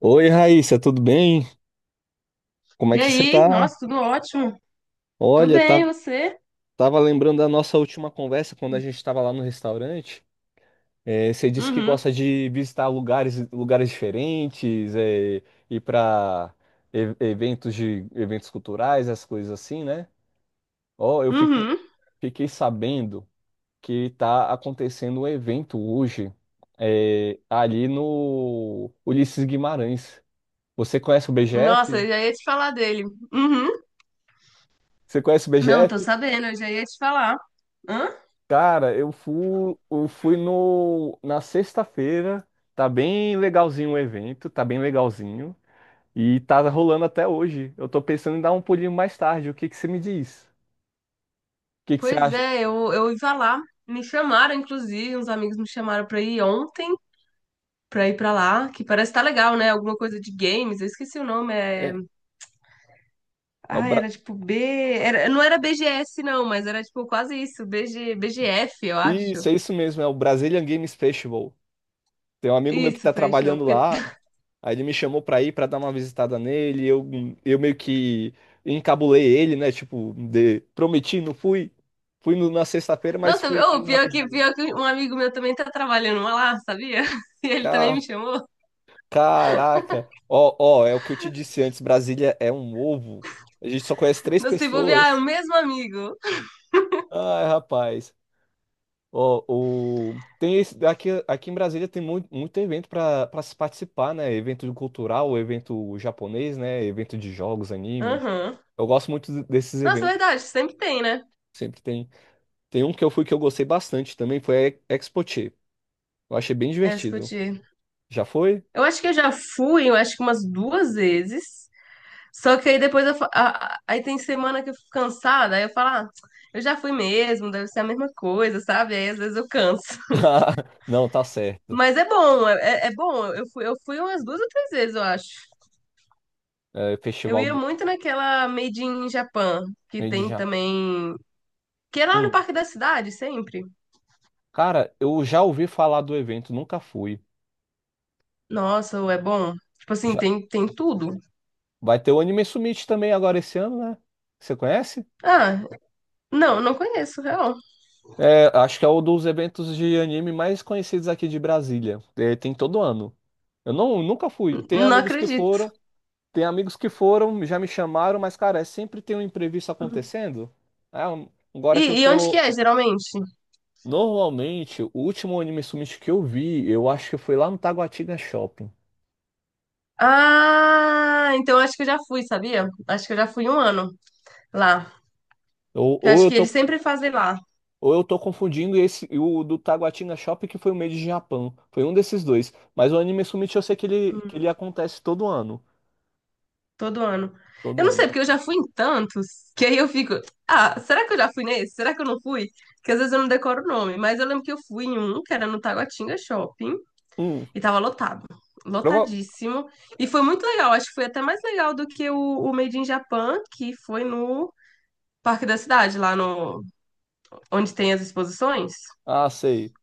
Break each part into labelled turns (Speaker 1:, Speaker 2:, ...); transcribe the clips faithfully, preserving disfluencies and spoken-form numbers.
Speaker 1: Oi, Raíssa, tudo bem? Como é
Speaker 2: E
Speaker 1: que você
Speaker 2: aí?
Speaker 1: tá?
Speaker 2: Nossa, tudo ótimo. Tudo
Speaker 1: Olha,
Speaker 2: bem, e
Speaker 1: tá-
Speaker 2: você?
Speaker 1: Tava lembrando da nossa última conversa quando a gente estava lá no restaurante. É, você disse que
Speaker 2: Uhum.
Speaker 1: gosta de visitar lugares, lugares diferentes, é, ir para eventos de eventos culturais, essas coisas assim, né? Ó, eu fiquei,
Speaker 2: Uhum.
Speaker 1: Fiquei sabendo que tá acontecendo um evento hoje, é, ali no Ulisses Guimarães. Você conhece o
Speaker 2: Nossa,
Speaker 1: B G F?
Speaker 2: eu já ia te falar dele. Uhum.
Speaker 1: Você conhece o
Speaker 2: Não, tô
Speaker 1: BGF?
Speaker 2: sabendo, eu já ia te falar. Hã?
Speaker 1: Cara, eu fui, eu fui no, na sexta-feira. Tá bem legalzinho o evento, tá bem legalzinho. E tá rolando até hoje. Eu tô pensando em dar um pulinho mais tarde. O que que você me diz? O que que você
Speaker 2: Pois
Speaker 1: acha?
Speaker 2: é, eu, eu ia lá. Me chamaram, inclusive, uns amigos me chamaram pra ir ontem, pra ir pra lá, que parece que tá legal, né? Alguma coisa de games, eu esqueci o nome, é...
Speaker 1: É, é o
Speaker 2: Ah, era
Speaker 1: Bra...
Speaker 2: tipo B... Era... Não era B G S, não, mas era tipo quase isso, BG... B G F, eu
Speaker 1: Isso,
Speaker 2: acho.
Speaker 1: é isso mesmo, é o Brazilian Games Festival. Tem um amigo meu que
Speaker 2: Isso,
Speaker 1: tá
Speaker 2: festival,
Speaker 1: trabalhando
Speaker 2: porque
Speaker 1: lá, aí ele me chamou pra ir pra dar uma visitada nele. Eu, eu meio que encabulei ele, né? Tipo, de- prometi, não fui. Fui no- na sexta-feira, mas
Speaker 2: nossa,
Speaker 1: foi
Speaker 2: ô,
Speaker 1: foi
Speaker 2: pior que,
Speaker 1: rapidinho.
Speaker 2: pior que um amigo meu também tá trabalhando uma lá, sabia? E ele também
Speaker 1: Tá
Speaker 2: me chamou.
Speaker 1: Caraca! Ó, ó, é o que eu te disse antes, Brasília é um ovo. A gente só conhece três
Speaker 2: Não se bobear, é o
Speaker 1: pessoas.
Speaker 2: mesmo amigo.
Speaker 1: Ai, rapaz. Ó, o... tem esse... Aqui, aqui em Brasília tem muito, muito evento para para se participar, né? Evento cultural, evento japonês, né? Evento de jogos, animes.
Speaker 2: Aham.
Speaker 1: Eu gosto muito desses
Speaker 2: Nossa, é
Speaker 1: eventos.
Speaker 2: verdade, sempre tem, né?
Speaker 1: Sempre tem. Tem um que eu fui que eu gostei bastante também, foi a Expoche. Eu achei bem
Speaker 2: É,
Speaker 1: divertido.
Speaker 2: discutir.
Speaker 1: Já foi?
Speaker 2: Eu acho que eu já fui, eu acho que umas duas vezes. Só que aí depois eu, fa- a- a- aí tem semana que eu fico cansada, aí eu falo, ah, eu já fui mesmo, deve ser a mesma coisa, sabe? Aí às vezes eu canso.
Speaker 1: Não, tá certo.
Speaker 2: Mas é bom, é, é é bom. Eu fui, eu fui umas duas ou três vezes, eu acho.
Speaker 1: É,
Speaker 2: Eu
Speaker 1: Festival
Speaker 2: ia
Speaker 1: do...
Speaker 2: muito naquela Made in Japan, que
Speaker 1: de
Speaker 2: tem
Speaker 1: já.
Speaker 2: também, que é lá no Parque da Cidade, sempre.
Speaker 1: Cara, eu já ouvi falar do evento, nunca fui.
Speaker 2: Nossa, ou é bom? Tipo assim,
Speaker 1: Já...
Speaker 2: tem, tem tudo.
Speaker 1: Vai ter o Anime Summit também agora esse ano, né? Você conhece?
Speaker 2: Ah, não não conheço, real.
Speaker 1: É, acho que é um dos eventos de anime mais conhecidos aqui de Brasília. É, tem todo ano. Eu não, Nunca fui.
Speaker 2: N-
Speaker 1: Tem
Speaker 2: Não
Speaker 1: amigos que
Speaker 2: acredito.
Speaker 1: foram, tem amigos que foram, já me chamaram, mas, cara, é sempre tem um imprevisto
Speaker 2: Uhum.
Speaker 1: acontecendo. É, um- agora
Speaker 2: E,
Speaker 1: que eu
Speaker 2: e onde
Speaker 1: tô.
Speaker 2: que é, geralmente?
Speaker 1: Normalmente, o último Anime Summit que eu vi, eu acho que foi lá no Taguatinga Shopping.
Speaker 2: Ah, então acho que eu já fui, sabia? Acho que eu já fui um ano lá.
Speaker 1: Ou,
Speaker 2: Eu
Speaker 1: ou
Speaker 2: acho
Speaker 1: eu
Speaker 2: que eles
Speaker 1: tô
Speaker 2: sempre fazem lá,
Speaker 1: Ou eu tô confundindo esse e o do Taguatinga Shopping, que foi o Made de Japão. Foi um desses dois. Mas o Anime Summit eu sei que ele, que
Speaker 2: hum,
Speaker 1: ele acontece todo ano.
Speaker 2: todo ano. Eu
Speaker 1: Todo
Speaker 2: não sei,
Speaker 1: ano.
Speaker 2: porque eu já fui em tantos, que aí eu fico, ah, será que eu já fui nesse? Será que eu não fui? Que às vezes eu não decoro o nome, mas eu lembro que eu fui em um, que era no Taguatinga Shopping.
Speaker 1: Hum,
Speaker 2: E tava lotado,
Speaker 1: prova...
Speaker 2: lotadíssimo. E foi muito legal, acho que foi até mais legal do que o, o Made in Japan, que foi no Parque da Cidade, lá no, onde tem as exposições.
Speaker 1: Ah, sei.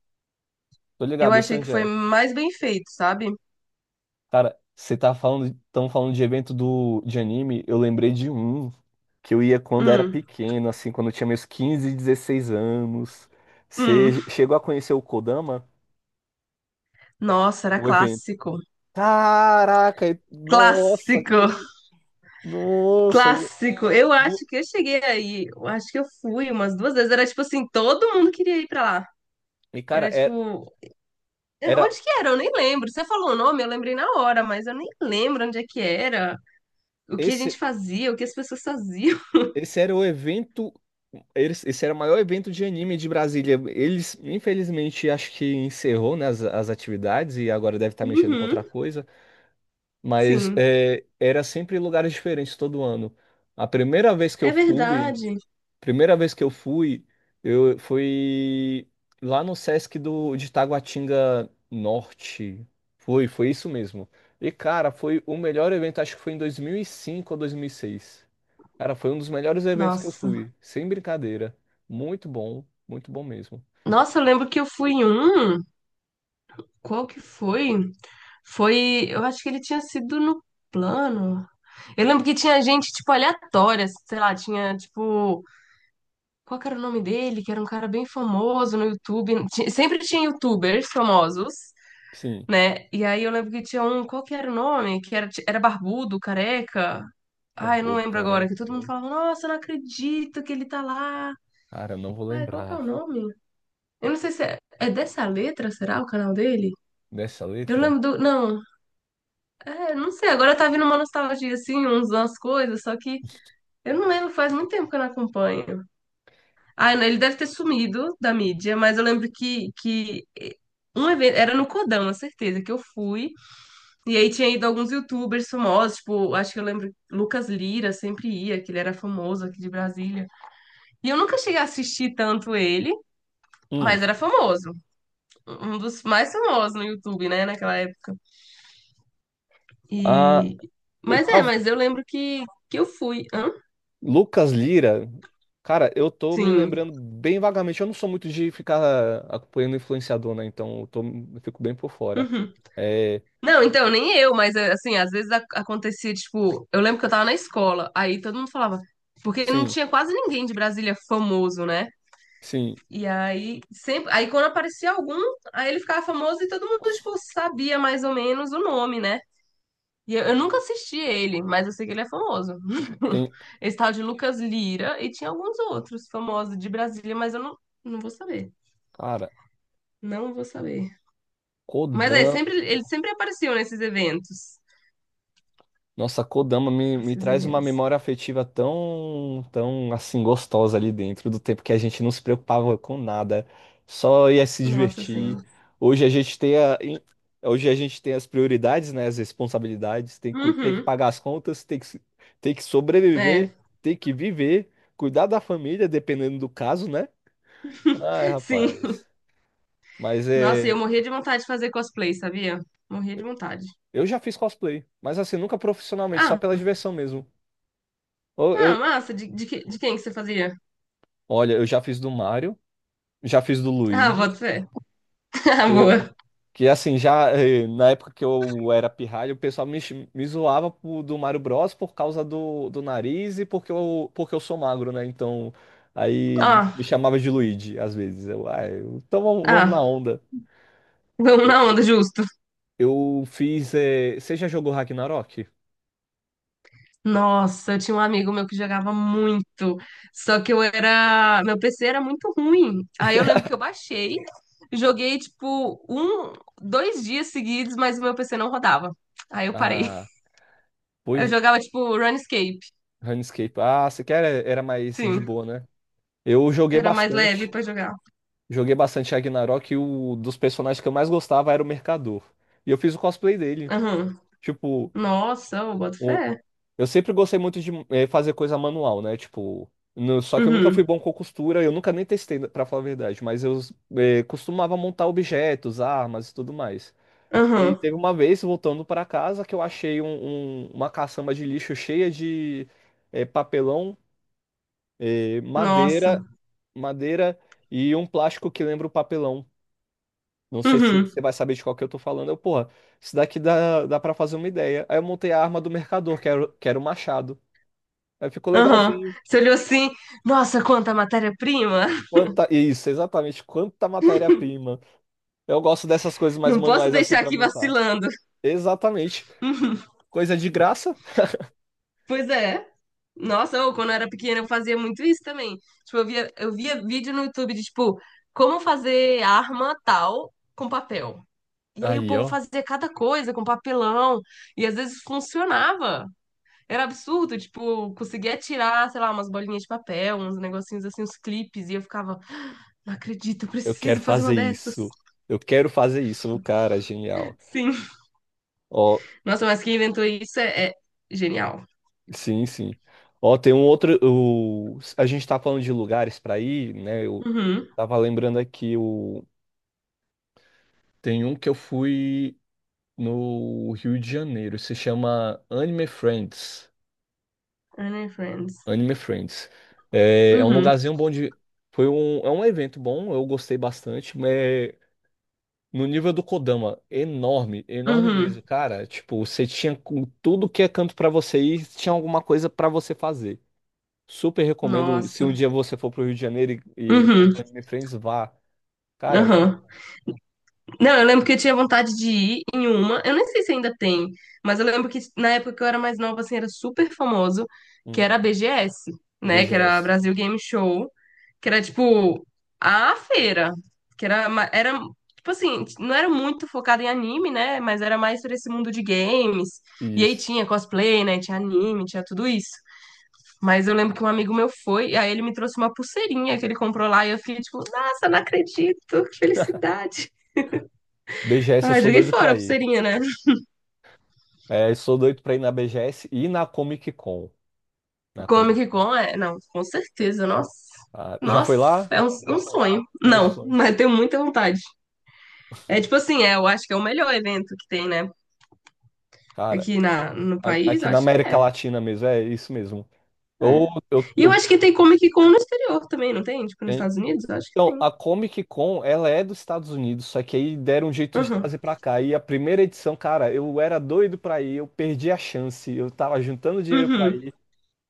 Speaker 1: Tô
Speaker 2: Eu
Speaker 1: ligado, eu sei
Speaker 2: achei que
Speaker 1: onde
Speaker 2: foi
Speaker 1: é.
Speaker 2: mais bem feito, sabe?
Speaker 1: Cara, você tá falando, tão falando de evento do, de anime, eu lembrei de um que eu ia quando era
Speaker 2: Hum,
Speaker 1: pequeno, assim, quando eu tinha meus quinze dezesseis anos.
Speaker 2: hum.
Speaker 1: Você chegou a conhecer o Kodama?
Speaker 2: Nossa, era
Speaker 1: O evento.
Speaker 2: clássico.
Speaker 1: Caraca, e- nossa,
Speaker 2: Clássico,
Speaker 1: que. Nossa.
Speaker 2: clássico. Eu acho
Speaker 1: Bu-
Speaker 2: que eu cheguei aí, eu acho que eu fui umas duas vezes. Era tipo assim, todo mundo queria ir pra lá.
Speaker 1: E, cara,
Speaker 2: Era
Speaker 1: é,
Speaker 2: tipo, eh,
Speaker 1: era.
Speaker 2: onde que era? Eu nem lembro. Você falou o nome, eu lembrei na hora, mas eu nem lembro onde é que era. O que a gente
Speaker 1: Esse,
Speaker 2: fazia, o que as pessoas faziam.
Speaker 1: esse era o evento. eles- Esse era o maior evento de anime de Brasília. Eles, infelizmente, acho que encerrou, né, as, as atividades e agora deve estar mexendo com outra
Speaker 2: Uhum,
Speaker 1: coisa. Mas
Speaker 2: sim,
Speaker 1: é, era sempre em lugares diferentes todo ano. A primeira vez que eu
Speaker 2: é
Speaker 1: fui,
Speaker 2: verdade.
Speaker 1: Primeira vez que eu fui, eu fui lá no Sesc do, de Taguatinga Norte. Foi, foi isso mesmo. E, cara, foi o melhor evento, acho que foi em dois mil e cinco ou dois mil e seis. Cara, foi um dos melhores eventos que eu
Speaker 2: Nossa.
Speaker 1: fui, sem brincadeira. Muito bom, muito bom mesmo.
Speaker 2: Nossa, eu lembro que eu fui em um. Qual que foi? Foi. Eu acho que ele tinha sido no plano. Eu lembro que tinha gente, tipo, aleatória, sei lá, tinha, tipo. Qual que era o nome dele? Que era um cara bem famoso no YouTube. Ti- Sempre tinha YouTubers famosos,
Speaker 1: Sim,
Speaker 2: né? E aí eu lembro que tinha um, qual que era o nome? Que era, era barbudo, careca. Ai, eu não
Speaker 1: Barbudo
Speaker 2: lembro agora, que
Speaker 1: Careca.
Speaker 2: todo mundo
Speaker 1: não-
Speaker 2: falava, nossa, eu não acredito que ele tá lá.
Speaker 1: Cara, eu não vou
Speaker 2: Ai, qual que é o
Speaker 1: lembrar
Speaker 2: nome? Eu não sei se é, é dessa letra, será o canal dele?
Speaker 1: dessa
Speaker 2: Eu
Speaker 1: letra.
Speaker 2: lembro do. Não, é, não sei, agora tá vindo uma nostalgia, assim, uns, umas coisas, só que eu não lembro, faz muito tempo que eu não acompanho. Ah, não, ele deve ter sumido da mídia, mas eu lembro que, que um evento, era no Codão, a certeza, que eu fui. E aí tinha ido alguns youtubers famosos, tipo, acho que eu lembro, Lucas Lira sempre ia, que ele era famoso aqui de Brasília. E eu nunca cheguei a assistir tanto ele,
Speaker 1: Hum.
Speaker 2: mas era famoso. Um dos mais famosos no YouTube, né, naquela época.
Speaker 1: Ah,
Speaker 2: E...
Speaker 1: e
Speaker 2: Mas é,
Speaker 1: tal-
Speaker 2: mas eu lembro que, que eu fui. Hã?
Speaker 1: Lucas Lira. Cara, eu tô me
Speaker 2: Sim.
Speaker 1: lembrando bem vagamente. Eu não sou muito de ficar acompanhando influenciador, né? Então eu, tô, eu fico bem por fora.
Speaker 2: Uhum.
Speaker 1: É,
Speaker 2: Não, então, nem eu, mas é, assim, às vezes ac- acontecia, tipo, eu lembro que eu tava na escola, aí todo mundo falava, porque não
Speaker 1: sim,
Speaker 2: tinha quase ninguém de Brasília famoso, né?
Speaker 1: sim.
Speaker 2: E aí, sempre, aí quando aparecia algum, aí ele ficava famoso e todo mundo, tipo, sabia mais ou menos o nome, né? E eu, eu nunca assisti ele, mas eu sei que ele é famoso.
Speaker 1: Tem,
Speaker 2: Esse tal de Lucas Lira e tinha alguns outros famosos de Brasília, mas eu não, não vou saber.
Speaker 1: cara,
Speaker 2: Não vou saber. Mas é,
Speaker 1: Kodan.
Speaker 2: sempre, ele sempre apareciam nesses eventos.
Speaker 1: Nossa, Kodama me, me
Speaker 2: Esses
Speaker 1: traz uma
Speaker 2: eventos.
Speaker 1: memória afetiva tão, tão assim gostosa ali dentro do tempo que a gente não se preocupava com nada, só ia se
Speaker 2: Nossa
Speaker 1: divertir.
Speaker 2: Senhora.
Speaker 1: Hoje a gente tem a, em- Hoje a gente tem as prioridades, né, as responsabilidades, tem que, cu- tem que
Speaker 2: Uhum,
Speaker 1: pagar as contas, tem que, se- tem que
Speaker 2: é,
Speaker 1: sobreviver, tem que viver, cuidar da família, dependendo do caso, né? Ai,
Speaker 2: sim.
Speaker 1: rapaz. Mas
Speaker 2: Nossa, eu
Speaker 1: é,
Speaker 2: morria de vontade de fazer cosplay, sabia? Morria de vontade.
Speaker 1: eu já fiz cosplay, mas assim, nunca profissionalmente, só
Speaker 2: Ah,
Speaker 1: pela diversão mesmo. Eu,
Speaker 2: ah,
Speaker 1: eu-
Speaker 2: massa. De, de, que- de quem que você fazia?
Speaker 1: Olha, eu já fiz do Mario. Já fiz do
Speaker 2: Ah,
Speaker 1: Luigi.
Speaker 2: pode ser. Ah,
Speaker 1: Eu,
Speaker 2: boa.
Speaker 1: que assim, já eh, Na época que eu era pirralho, o pessoal me, chi- me zoava pro- do Mario Bros por causa do, do nariz e porque eu, porque eu sou magro, né? Então,
Speaker 2: Ó,
Speaker 1: aí me chamava de Luigi às vezes. Eu, ah, eu- então vamos, vamos na
Speaker 2: ah,
Speaker 1: onda.
Speaker 2: vamos na onda, justo.
Speaker 1: Eu fiz. Eh, você já jogou Ragnarok?
Speaker 2: Nossa, eu tinha um amigo meu que jogava muito, só que eu era. Meu P C era muito ruim. Aí eu lembro que eu baixei, joguei tipo um, dois dias seguidos, mas o meu P C não rodava. Aí eu parei.
Speaker 1: Ah,
Speaker 2: Eu
Speaker 1: pois.
Speaker 2: jogava tipo Runescape.
Speaker 1: RuneScape. Ah, você quer? Era mais de
Speaker 2: Sim,
Speaker 1: boa, né? Eu joguei
Speaker 2: era mais leve
Speaker 1: bastante.
Speaker 2: pra jogar.
Speaker 1: Joguei bastante Ragnarok e o dos personagens que eu mais gostava era o Mercador. E eu fiz o cosplay dele.
Speaker 2: Aham.
Speaker 1: Tipo,
Speaker 2: Nossa, eu boto
Speaker 1: o-
Speaker 2: fé.
Speaker 1: eu sempre gostei muito de eh, fazer coisa manual, né? Tipo, no- só que eu nunca fui
Speaker 2: Uhum.
Speaker 1: bom com costura, eu nunca nem testei, pra falar a verdade, mas eu eh, costumava montar objetos, armas e tudo mais. E
Speaker 2: Aham.
Speaker 1: teve uma vez, voltando para casa, que eu achei um- um- uma caçamba de lixo cheia de eh, papelão, eh, madeira,
Speaker 2: Nossa.
Speaker 1: madeira e um plástico que lembra o papelão. Não sei se
Speaker 2: Uhum.
Speaker 1: você vai saber de qual que eu tô falando. Eu, porra, isso daqui dá, dá pra fazer uma ideia. Aí eu montei a arma do mercador, que era, o- que era o machado. Aí ficou
Speaker 2: Aham.
Speaker 1: legalzinho.
Speaker 2: Você olhou assim, nossa, quanta matéria-prima!
Speaker 1: Quanta, isso, exatamente. Quanta matéria-prima. Eu gosto dessas coisas mais
Speaker 2: Não posso
Speaker 1: manuais assim
Speaker 2: deixar
Speaker 1: pra
Speaker 2: aqui
Speaker 1: montar.
Speaker 2: vacilando.
Speaker 1: Exatamente.
Speaker 2: Uhum.
Speaker 1: Coisa de graça.
Speaker 2: Pois é. Nossa, ou quando eu era pequena eu fazia muito isso também. Tipo, eu via, eu via vídeo no YouTube de, tipo, como fazer arma tal com papel. E aí o
Speaker 1: Aí,
Speaker 2: povo
Speaker 1: ó.
Speaker 2: fazia cada coisa com papelão. E às vezes funcionava. Era absurdo, tipo, conseguia tirar, sei lá, umas bolinhas de papel, uns negocinhos assim, uns clipes. E eu ficava, "Ah, não acredito, eu
Speaker 1: Eu quero
Speaker 2: preciso fazer uma
Speaker 1: fazer
Speaker 2: dessas.
Speaker 1: isso. Eu quero fazer isso. O cara, genial.
Speaker 2: Sim.
Speaker 1: Ó,
Speaker 2: Nossa, mas quem inventou isso é, é genial.
Speaker 1: sim, sim. Ó, tem um outro. O... A gente tá falando de lugares pra ir, né? Eu
Speaker 2: Uhum.
Speaker 1: Tava lembrando aqui o. Tem um que eu fui no Rio de Janeiro, se chama Anime Friends.
Speaker 2: Anne and Friends.
Speaker 1: Anime Friends. É, é um
Speaker 2: Uhum.
Speaker 1: lugarzinho bom de. Foi um, é um evento bom, eu gostei bastante, mas no nível do Kodama, enorme, enorme mesmo,
Speaker 2: Uhum.
Speaker 1: cara. Tipo, você tinha com tudo que é canto pra você ir, tinha alguma coisa pra você fazer. Super recomendo, se um
Speaker 2: Nossa.
Speaker 1: dia você for pro Rio de Janeiro e, e for
Speaker 2: Uhum.
Speaker 1: pro Anime Friends, vá. Cara, muito
Speaker 2: Aham.
Speaker 1: bom.
Speaker 2: Não, eu lembro que eu tinha vontade de ir em uma. Eu nem sei se ainda tem, mas eu lembro que na época que eu era mais nova, assim, era super famoso, que
Speaker 1: Hum,
Speaker 2: era a B G S, né? Que era a
Speaker 1: B G S.
Speaker 2: Brasil Game Show, que era tipo a feira, que era, ma- era tipo assim, não era muito focado em anime, né? Mas era mais por esse mundo de games. E aí
Speaker 1: Isso.
Speaker 2: tinha cosplay, né? Tinha anime, tinha tudo isso. Mas eu lembro que um amigo meu foi, e aí ele me trouxe uma pulseirinha que ele comprou lá, e eu fiquei tipo, nossa, não acredito, que felicidade.
Speaker 1: B G S, eu
Speaker 2: Ah,
Speaker 1: sou
Speaker 2: joguei
Speaker 1: doido
Speaker 2: fora
Speaker 1: pra
Speaker 2: a
Speaker 1: ir.
Speaker 2: pulseirinha, né?
Speaker 1: É, sou doido pra ir na B G S e na Comic Con. Na Comic
Speaker 2: Comic
Speaker 1: Con.
Speaker 2: Con é. Não, com certeza. Nossa.
Speaker 1: Ah, já foi
Speaker 2: Nossa,
Speaker 1: lá?
Speaker 2: é um, um sonho.
Speaker 1: Ou
Speaker 2: Não,
Speaker 1: sonho.
Speaker 2: mas tenho muita vontade. É tipo assim, é, eu acho que é o melhor evento que tem, né?
Speaker 1: Cara,
Speaker 2: Aqui na, no
Speaker 1: a-
Speaker 2: país,
Speaker 1: aqui
Speaker 2: eu
Speaker 1: na
Speaker 2: acho que
Speaker 1: América
Speaker 2: é.
Speaker 1: Latina mesmo, é isso mesmo. Ou
Speaker 2: É.
Speaker 1: eu,
Speaker 2: E eu
Speaker 1: eu,
Speaker 2: acho que tem Comic Con no exterior também, não tem? Tipo, nos
Speaker 1: hein?
Speaker 2: Estados Unidos? Eu acho que
Speaker 1: Então,
Speaker 2: tem.
Speaker 1: a Comic Con, ela é dos Estados Unidos, só que aí deram um jeito de
Speaker 2: Uhum.
Speaker 1: trazer pra cá. E a primeira edição, cara, eu era doido pra ir, eu perdi a chance, eu tava juntando dinheiro pra
Speaker 2: Uhum.
Speaker 1: ir.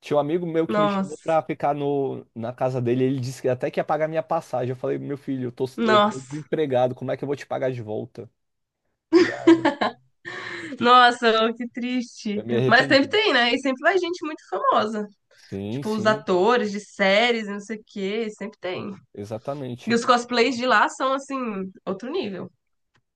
Speaker 1: Tinha um amigo meu que me chamou pra
Speaker 2: Nossa,
Speaker 1: ficar no, na casa dele, ele disse que até que ia pagar minha passagem. Eu falei, meu filho, eu tô, eu tô
Speaker 2: nossa,
Speaker 1: desempregado, como é que eu vou te pagar de volta? Ele, ah, não,
Speaker 2: nossa, que triste.
Speaker 1: eu me
Speaker 2: Mas sempre
Speaker 1: arrependi.
Speaker 2: tem, né? E sempre vai gente muito famosa.
Speaker 1: Sim,
Speaker 2: Tipo, os
Speaker 1: sim,
Speaker 2: atores de séries, não sei o quê, sempre tem. E
Speaker 1: exatamente.
Speaker 2: os cosplays de lá são, assim, outro nível.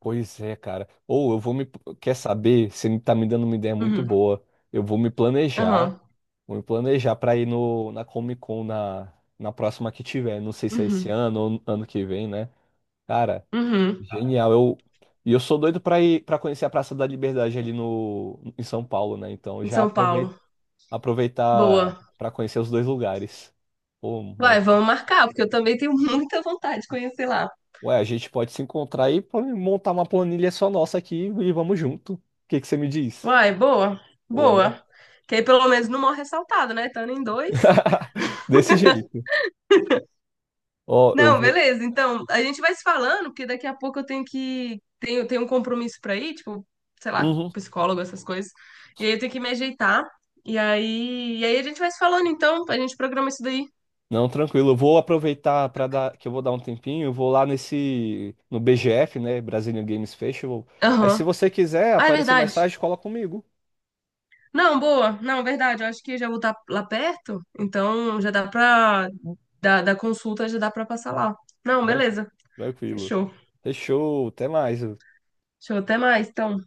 Speaker 1: Pois é, cara. Ou eu vou me. Quer saber? Você me- tá me dando uma ideia muito
Speaker 2: Uhum.
Speaker 1: boa. Eu vou me planejar.
Speaker 2: Aham.
Speaker 1: Vou me planejar pra ir no, na Comic Con na, na próxima que tiver. Não sei se é esse
Speaker 2: Uhum.
Speaker 1: ano ou ano que vem, né? Cara,
Speaker 2: Uhum.
Speaker 1: genial. Eu, e eu sou doido pra ir para conhecer a Praça da Liberdade ali no, em São Paulo, né? Então
Speaker 2: Em
Speaker 1: já
Speaker 2: São
Speaker 1: aproveita,
Speaker 2: Paulo. Boa.
Speaker 1: aproveitar pra conhecer os dois lugares. Pô,
Speaker 2: Vai, vamos marcar, porque eu também tenho muita vontade de conhecer lá.
Speaker 1: Ué, a gente pode se encontrar e pô- montar uma planilha só nossa aqui e vamos junto. O que que você me diz?
Speaker 2: Vai, boa.
Speaker 1: Boa, né?
Speaker 2: Boa. Que aí pelo menos não morre ressaltado, né? Estando em dois.
Speaker 1: Desse jeito. Ó, eu
Speaker 2: Não,
Speaker 1: vou.
Speaker 2: beleza. Então, a gente vai se falando, porque daqui a pouco eu tenho que. Tenho, tenho um compromisso pra ir, tipo, sei lá,
Speaker 1: Uhum.
Speaker 2: psicólogo, essas coisas. E aí eu tenho que me ajeitar. E aí, e aí a gente vai se falando, então, a gente programa isso daí.
Speaker 1: Não, tranquilo. Eu vou aproveitar para dar que eu vou dar um tempinho. Eu vou lá nesse no B G F, né? Brazilian Games Festival. Aí, se
Speaker 2: Aham.
Speaker 1: você quiser
Speaker 2: Ah, é
Speaker 1: aparecer mais
Speaker 2: verdade.
Speaker 1: tarde, cola comigo.
Speaker 2: Não, boa. Não, verdade. Eu acho que já vou estar lá perto, então já dá pra. Da, da consulta já dá pra passar lá. Não,
Speaker 1: Tran-
Speaker 2: beleza.
Speaker 1: Tranquilo.
Speaker 2: Fechou.
Speaker 1: Fechou. Até mais.
Speaker 2: Fechou. Até mais, então.